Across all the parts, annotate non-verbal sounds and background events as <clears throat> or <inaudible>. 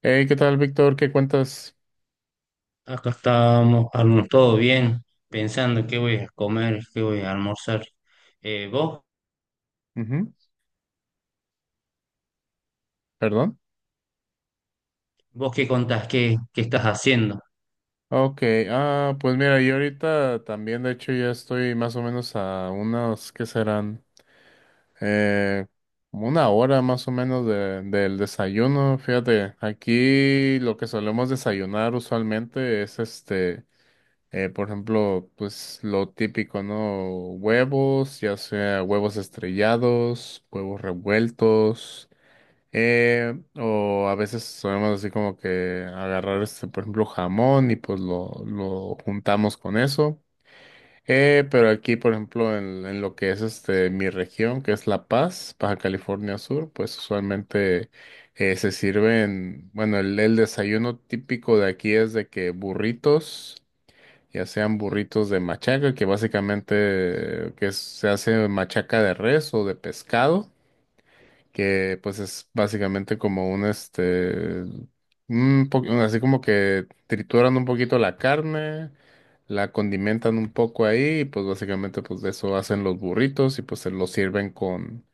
Hey, ¿qué tal, Víctor? ¿Qué cuentas? Acá estábamos, todo bien, pensando qué voy a comer, qué voy a almorzar. ¿Vos? Ujú. ¿Perdón? ¿Vos qué contás? ¿Qué estás haciendo? Ok. Pues mira, yo ahorita también, de hecho, ya estoy más o menos a unos, ¿qué serán? Eh, Como una hora más o menos del desayuno. Fíjate, aquí lo que solemos desayunar usualmente es este. Por ejemplo, pues lo típico, ¿no? Huevos, ya sea huevos estrellados, huevos revueltos. O a veces solemos así como que agarrar este, por ejemplo, jamón y pues lo juntamos con eso. Pero aquí, por ejemplo, en lo que es este mi región, que es La Paz, Baja California Sur, pues usualmente se sirven, bueno, el desayuno típico de aquí es de que burritos, ya sean burritos de machaca, que básicamente se hace machaca de res o de pescado, que pues es básicamente como un así como que trituran un poquito la carne, la condimentan un poco ahí y pues básicamente pues de eso hacen los burritos y pues se los sirven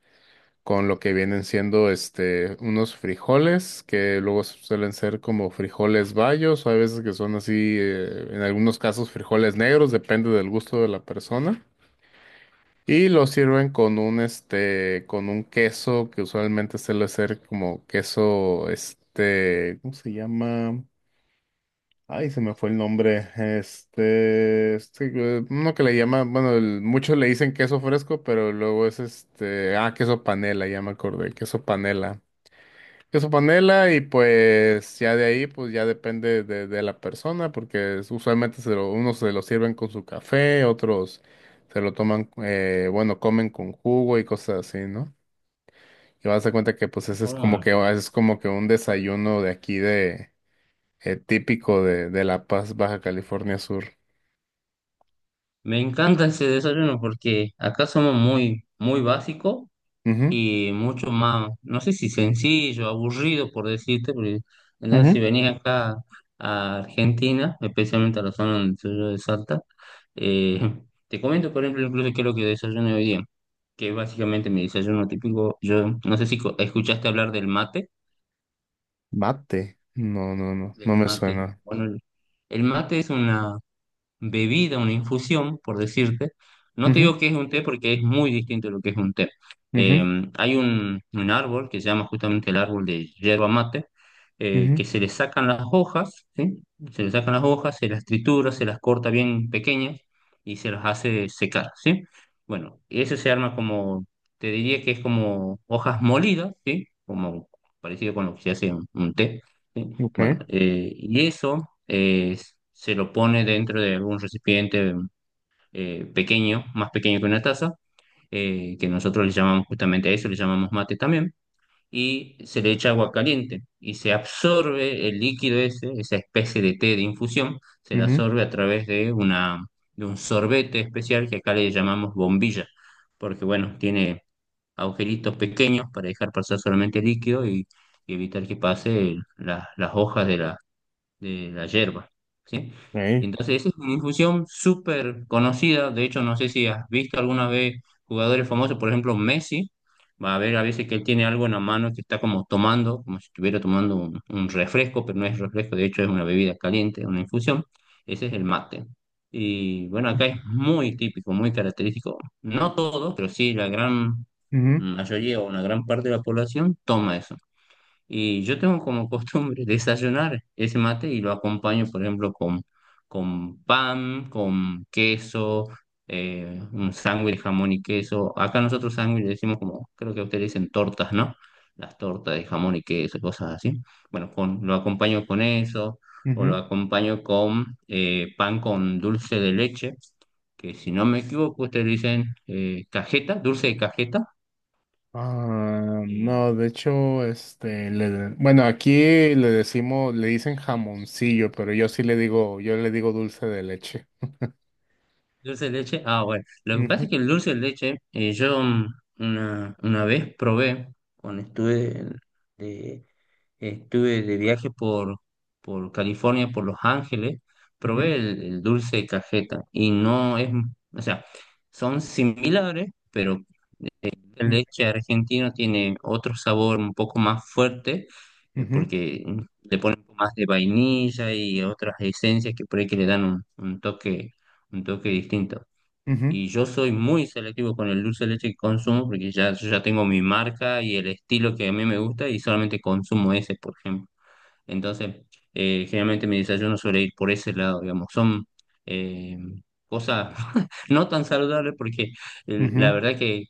con lo que vienen siendo este, unos frijoles que luego suelen ser como frijoles bayos o hay veces que son así, en algunos casos frijoles negros, depende del gusto de la persona. Y lo sirven con un este, con un queso que usualmente suele ser como queso, este, ¿cómo se llama? Ay, se me fue el nombre. Este, uno que le llama, bueno, muchos le dicen queso fresco, pero luego es este queso panela, ya me acordé, queso panela y pues ya de ahí pues ya depende de la persona porque usualmente unos se lo sirven con su café, otros se lo toman, bueno, comen con jugo y cosas así, ¿no? Y vas a darse cuenta que pues ese es como Mm, que ah, es como que un desayuno de aquí de típico de La Paz, Baja California Sur. me encanta ese desayuno porque acá somos muy básicos Ujú, y mucho más, no sé si sencillo, aburrido por decirte, porque entonces si ujú. venís acá a Argentina, especialmente a la zona donde soy yo de Salta, eh, <laughs> te comento, por ejemplo, incluso qué es lo que desayuno hoy día, que es básicamente mi desayuno típico. Yo no sé si escuchaste hablar Mate. No, del me mate, suena. bueno, el mate es una bebida, una infusión, por decirte. No te Ujú, digo que es un té porque es muy distinto de lo que es un té. Eh, ujú, Hay un árbol que se llama justamente el árbol de yerba mate, que ujú, se le sacan las hojas, ¿sí? Se le sacan las hojas, se las tritura, se las corta bien pequeñas y se las hace secar, ¿sí? Bueno, ese se arma como, te diría que es como hojas molidas, ¿sí? Como parecido con lo que se hace un té, ¿sí? ok, Bueno, y eso eh, se lo pone dentro de un recipiente pequeño, más pequeño que una taza, que nosotros le llamamos justamente a eso, le llamamos mate también, y se le echa agua caliente y se absorbe el líquido ese, esa especie de té de infusión, se la ujú, absorbe a través de una, de un sorbete especial que acá le llamamos bombilla, porque bueno, tiene agujeritos pequeños para dejar pasar solamente el líquido y evitar que pase las hojas de la yerba, ¿sí? Y ok, entonces esa es una infusión súper conocida. De hecho, no sé si has visto alguna vez jugadores famosos, por ejemplo Messi, va a ver a veces que él tiene algo en la mano que está como tomando, como si estuviera tomando un refresco, pero no es refresco, de hecho es una bebida caliente, una infusión, ese es el mate. Y bueno, acá es muy típico, muy característico, no todos, pero sí la gran ujú, mayoría o una gran parte de la población toma eso. Y yo tengo como costumbre <laughs> desayunar ese mate y lo acompaño, por ejemplo, con pan, con queso, un sándwich de jamón y queso. Acá nosotros sándwich le decimos como, creo que ustedes dicen tortas, ¿no? Las tortas de jamón y queso, cosas así. Bueno, con, lo acompaño con eso o lo ujú. acompaño con pan con dulce de leche, que si no me equivoco, ustedes dicen cajeta. Ah, eh, no, de hecho, este, bueno, aquí le decimos, le dicen jamoncillo, pero yo sí le digo, yo le digo dulce de leche. Dulce de leche, ah, bueno, lo que pasa Ujú, es que el dulce de leche, yo una vez probé, cuando de, estuve de viaje por California, por Los Ángeles, probé ujú, el dulce de cajeta y no es, o sea, son similares, pero el leche argentino tiene otro sabor un poco más fuerte, ujú, porque le ponen un poco más de vainilla y otras esencias que por ahí que le dan un toque, un toque distinto. ujú, Y yo soy muy selectivo con el dulce de leche que consumo porque ya, yo ya tengo mi marca y el estilo que a mí me gusta y solamente consumo ese, por ejemplo. Entonces, generalmente mi desayuno suele ir por ese lado, digamos. Son eh, cosas <laughs> no tan saludables porque la ujú, verdad que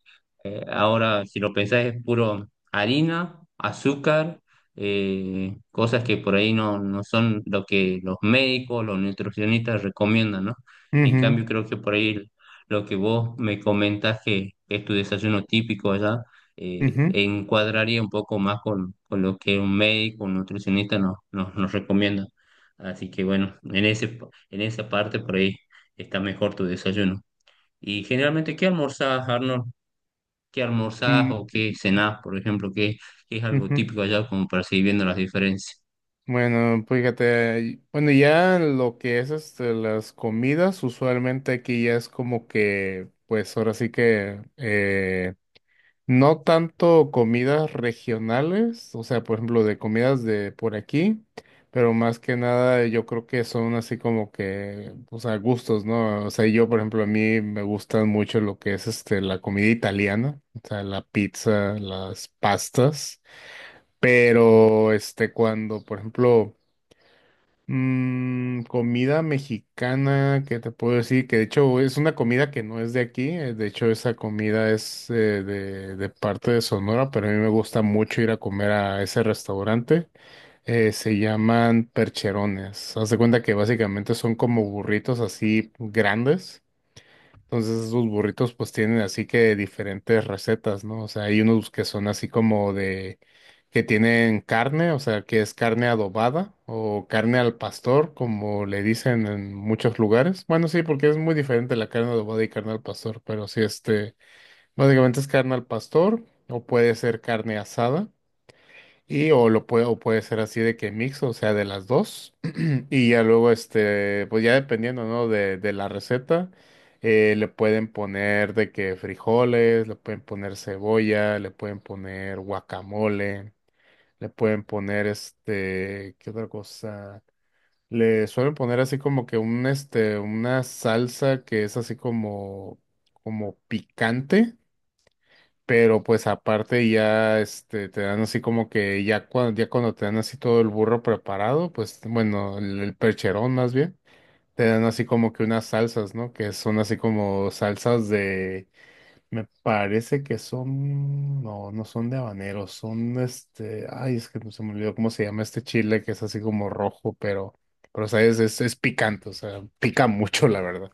ahora, si lo pensás, es puro harina, azúcar, cosas que por ahí no son lo que los médicos, los nutricionistas recomiendan, ¿no? En ujú, cambio, creo que por ahí lo que vos me comentás que es tu desayuno típico allá ujú, ujú, encuadraría un poco más con lo que un médico, un nutricionista nos recomienda. Así que bueno, en ese, en esa parte por ahí está mejor tu desayuno. Y generalmente, ¿qué almorzás, Arnold? ¿Qué almorzás mm, o qué cenás, por ejemplo? ¿Qué, qué es algo ujú. típico allá como para seguir viendo las diferencias? Bueno, fíjate, bueno, ya lo que es este, las comidas, usualmente aquí ya es como que, pues ahora sí que, no tanto comidas regionales, o sea, por ejemplo, de comidas de por aquí, pero más que nada yo creo que son así como que, o sea, gustos, ¿no? O sea, yo, por ejemplo, a mí me gustan mucho lo que es este, la comida italiana, o sea, la pizza, las pastas, pero este, cuando, por ejemplo, mm, comida mexicana, que te puedo decir que de hecho es una comida que no es de aquí, de hecho esa comida es de parte de Sonora, pero a mí me gusta mucho ir a comer a ese restaurante, se llaman percherones, haz de cuenta que básicamente son como burritos así grandes, entonces esos burritos pues tienen así que diferentes recetas, ¿no? O sea, hay unos que son así como de que tienen carne, o sea, que es carne adobada o carne al pastor, como le dicen en muchos lugares. Bueno, sí, porque es muy diferente la carne adobada y carne al pastor, pero sí, este, básicamente es carne al pastor o puede ser carne asada, y o lo puede o puede ser así de que mix, o sea, de las dos. Y ya luego, este, pues ya dependiendo, ¿no? De la receta, le pueden poner de que frijoles, le pueden poner cebolla, le pueden poner guacamole, le pueden poner este, ¿qué otra cosa? Le suelen poner así como que un, este, una salsa que es así como, como picante. Pero pues aparte ya este te dan así como que ya cuando te dan así todo el burro preparado, pues bueno, el percherón más bien te dan así como que unas salsas, ¿no? Que son así como salsas me parece que son no son de habanero, son este, ay, es que se me olvidó cómo se llama este chile que es así como rojo, pero sabes, es picante, o sea, pica mucho, la verdad.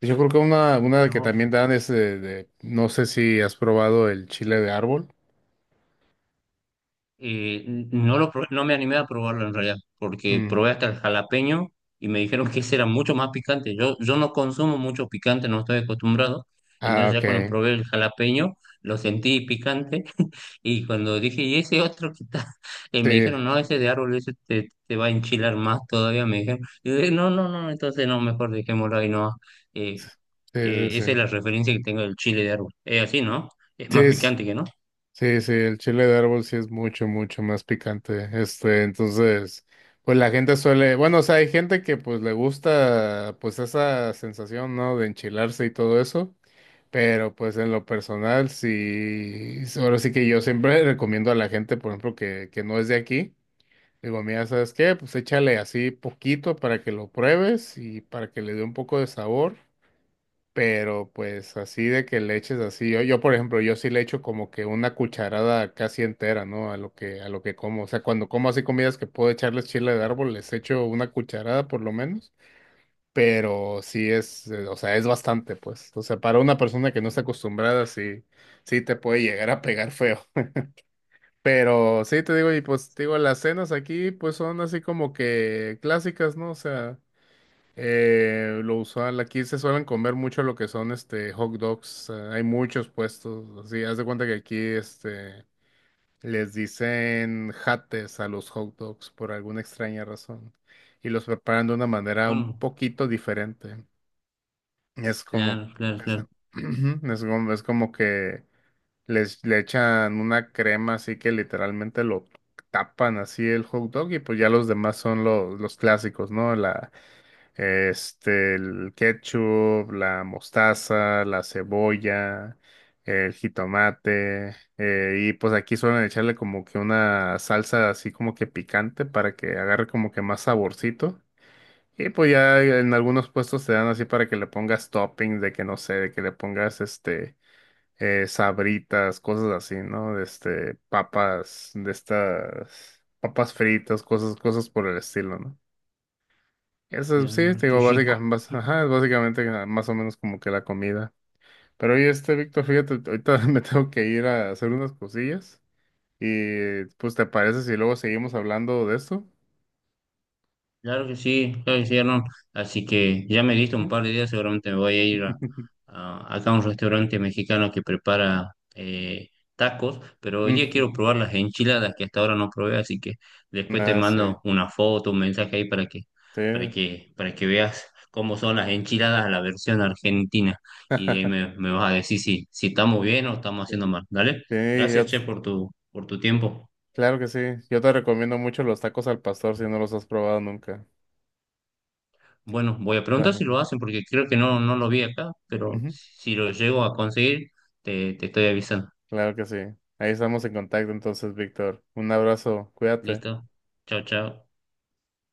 Yo creo que una que también dan es de no sé si has probado el chile de árbol. Eh, no lo probé, no me animé a probarlo en realidad, porque Mm. probé hasta el jalapeño y me dijeron que ese era mucho más picante. Yo no consumo mucho picante, no estoy acostumbrado. Ah, Entonces ya cuando ok. probé el jalapeño, lo sentí picante. <laughs> Y cuando dije, ¿y ese otro que está? <laughs> Sí, Me dijeron, no, ese de árbol, ese te va a enchilar más todavía, me dijeron. Y dije, no, no, no, entonces no, mejor dejémoslo ahí, no. Eh, sí, sí, Esa es sí. la referencia que tengo del chile de árbol. Es así, ¿no? Es más Sí, picante que no. sí, sí, el chile de árbol sí es mucho más picante. Este, entonces, pues la gente suele, bueno, o sea, hay gente que pues le gusta pues esa sensación, ¿no? De enchilarse y todo eso, pero pues en lo personal sí, sí, ahora sí que yo siempre <laughs> recomiendo a la gente, por ejemplo, que no es de aquí, digo, mira, ¿sabes qué? Pues échale así poquito para que lo pruebes y para que le dé un poco de sabor. Pero pues así de que le eches así. Yo, por ejemplo, yo sí le echo como que una cucharada casi entera, ¿no? A a lo que como. O sea, cuando como así comidas que puedo echarles chile de árbol, les echo una cucharada por lo menos. Pero sí es, o sea, es bastante, pues. O sea, para una persona que no está acostumbrada, sí, sí te puede llegar a pegar feo. <laughs> Pero sí te digo, y pues te digo, las cenas aquí pues son así como que clásicas, ¿no? O sea. Lo usual, aquí se suelen comer mucho lo que son este hot dogs. Eh, hay muchos puestos. Así, haz de cuenta que aquí este les dicen jates a los hot dogs por alguna extraña razón. Y los preparan de una manera un Bueno, poquito diferente. Es como claro, claro, es, claro. <clears throat> Es como que les le echan una crema así que literalmente lo tapan así el hot dog y pues ya los demás son los clásicos, ¿no? La el ketchup, la mostaza, la cebolla, el jitomate, y pues aquí suelen echarle como que una salsa así como que picante para que agarre como que más saborcito. Y pues ya en algunos puestos te dan así para que le pongas toppings de que no sé, de que le pongas este sabritas, cosas así, ¿no? De este, papas, de estas papas fritas, cosas por el estilo, no, sí, Claro, te qué digo, rico. básica, bas- ajá, es básicamente ah, más o menos como que la comida. Pero oye, este, Víctor, fíjate, ahorita <laughs> me tengo que ir a hacer unas cosillas y pues ¿te parece si luego seguimos hablando de esto? Claro que sí, Arnold. Así que ya me diste ¿Mm? un par de días, seguramente me voy a ir a, <laughs> acá a un restaurante mexicano que prepara tacos, pero hoy día Ujú. quiero probar las enchiladas que hasta ahora no probé, así que después te Ah, sí, mando una foto, un mensaje ahí para que, sí. Para que veas cómo son las enchiladas a la versión argentina. Y de ahí <laughs> me vas a decir si, si estamos bien o estamos Sí, haciendo mal. ¿Dale? sí, Gracias, Che, por por tu tiempo. claro que sí. Yo te recomiendo mucho los tacos al pastor si no los has probado nunca. Bueno, voy a preguntar Ajá. si lo hacen porque creo que Ujú. no, no lo vi acá, pero Ujú. si lo llego a conseguir, te estoy avisando. Claro que sí. Ahí estamos en contacto entonces, Víctor. Un abrazo, cuídate. ¿Listo? Chao, chao.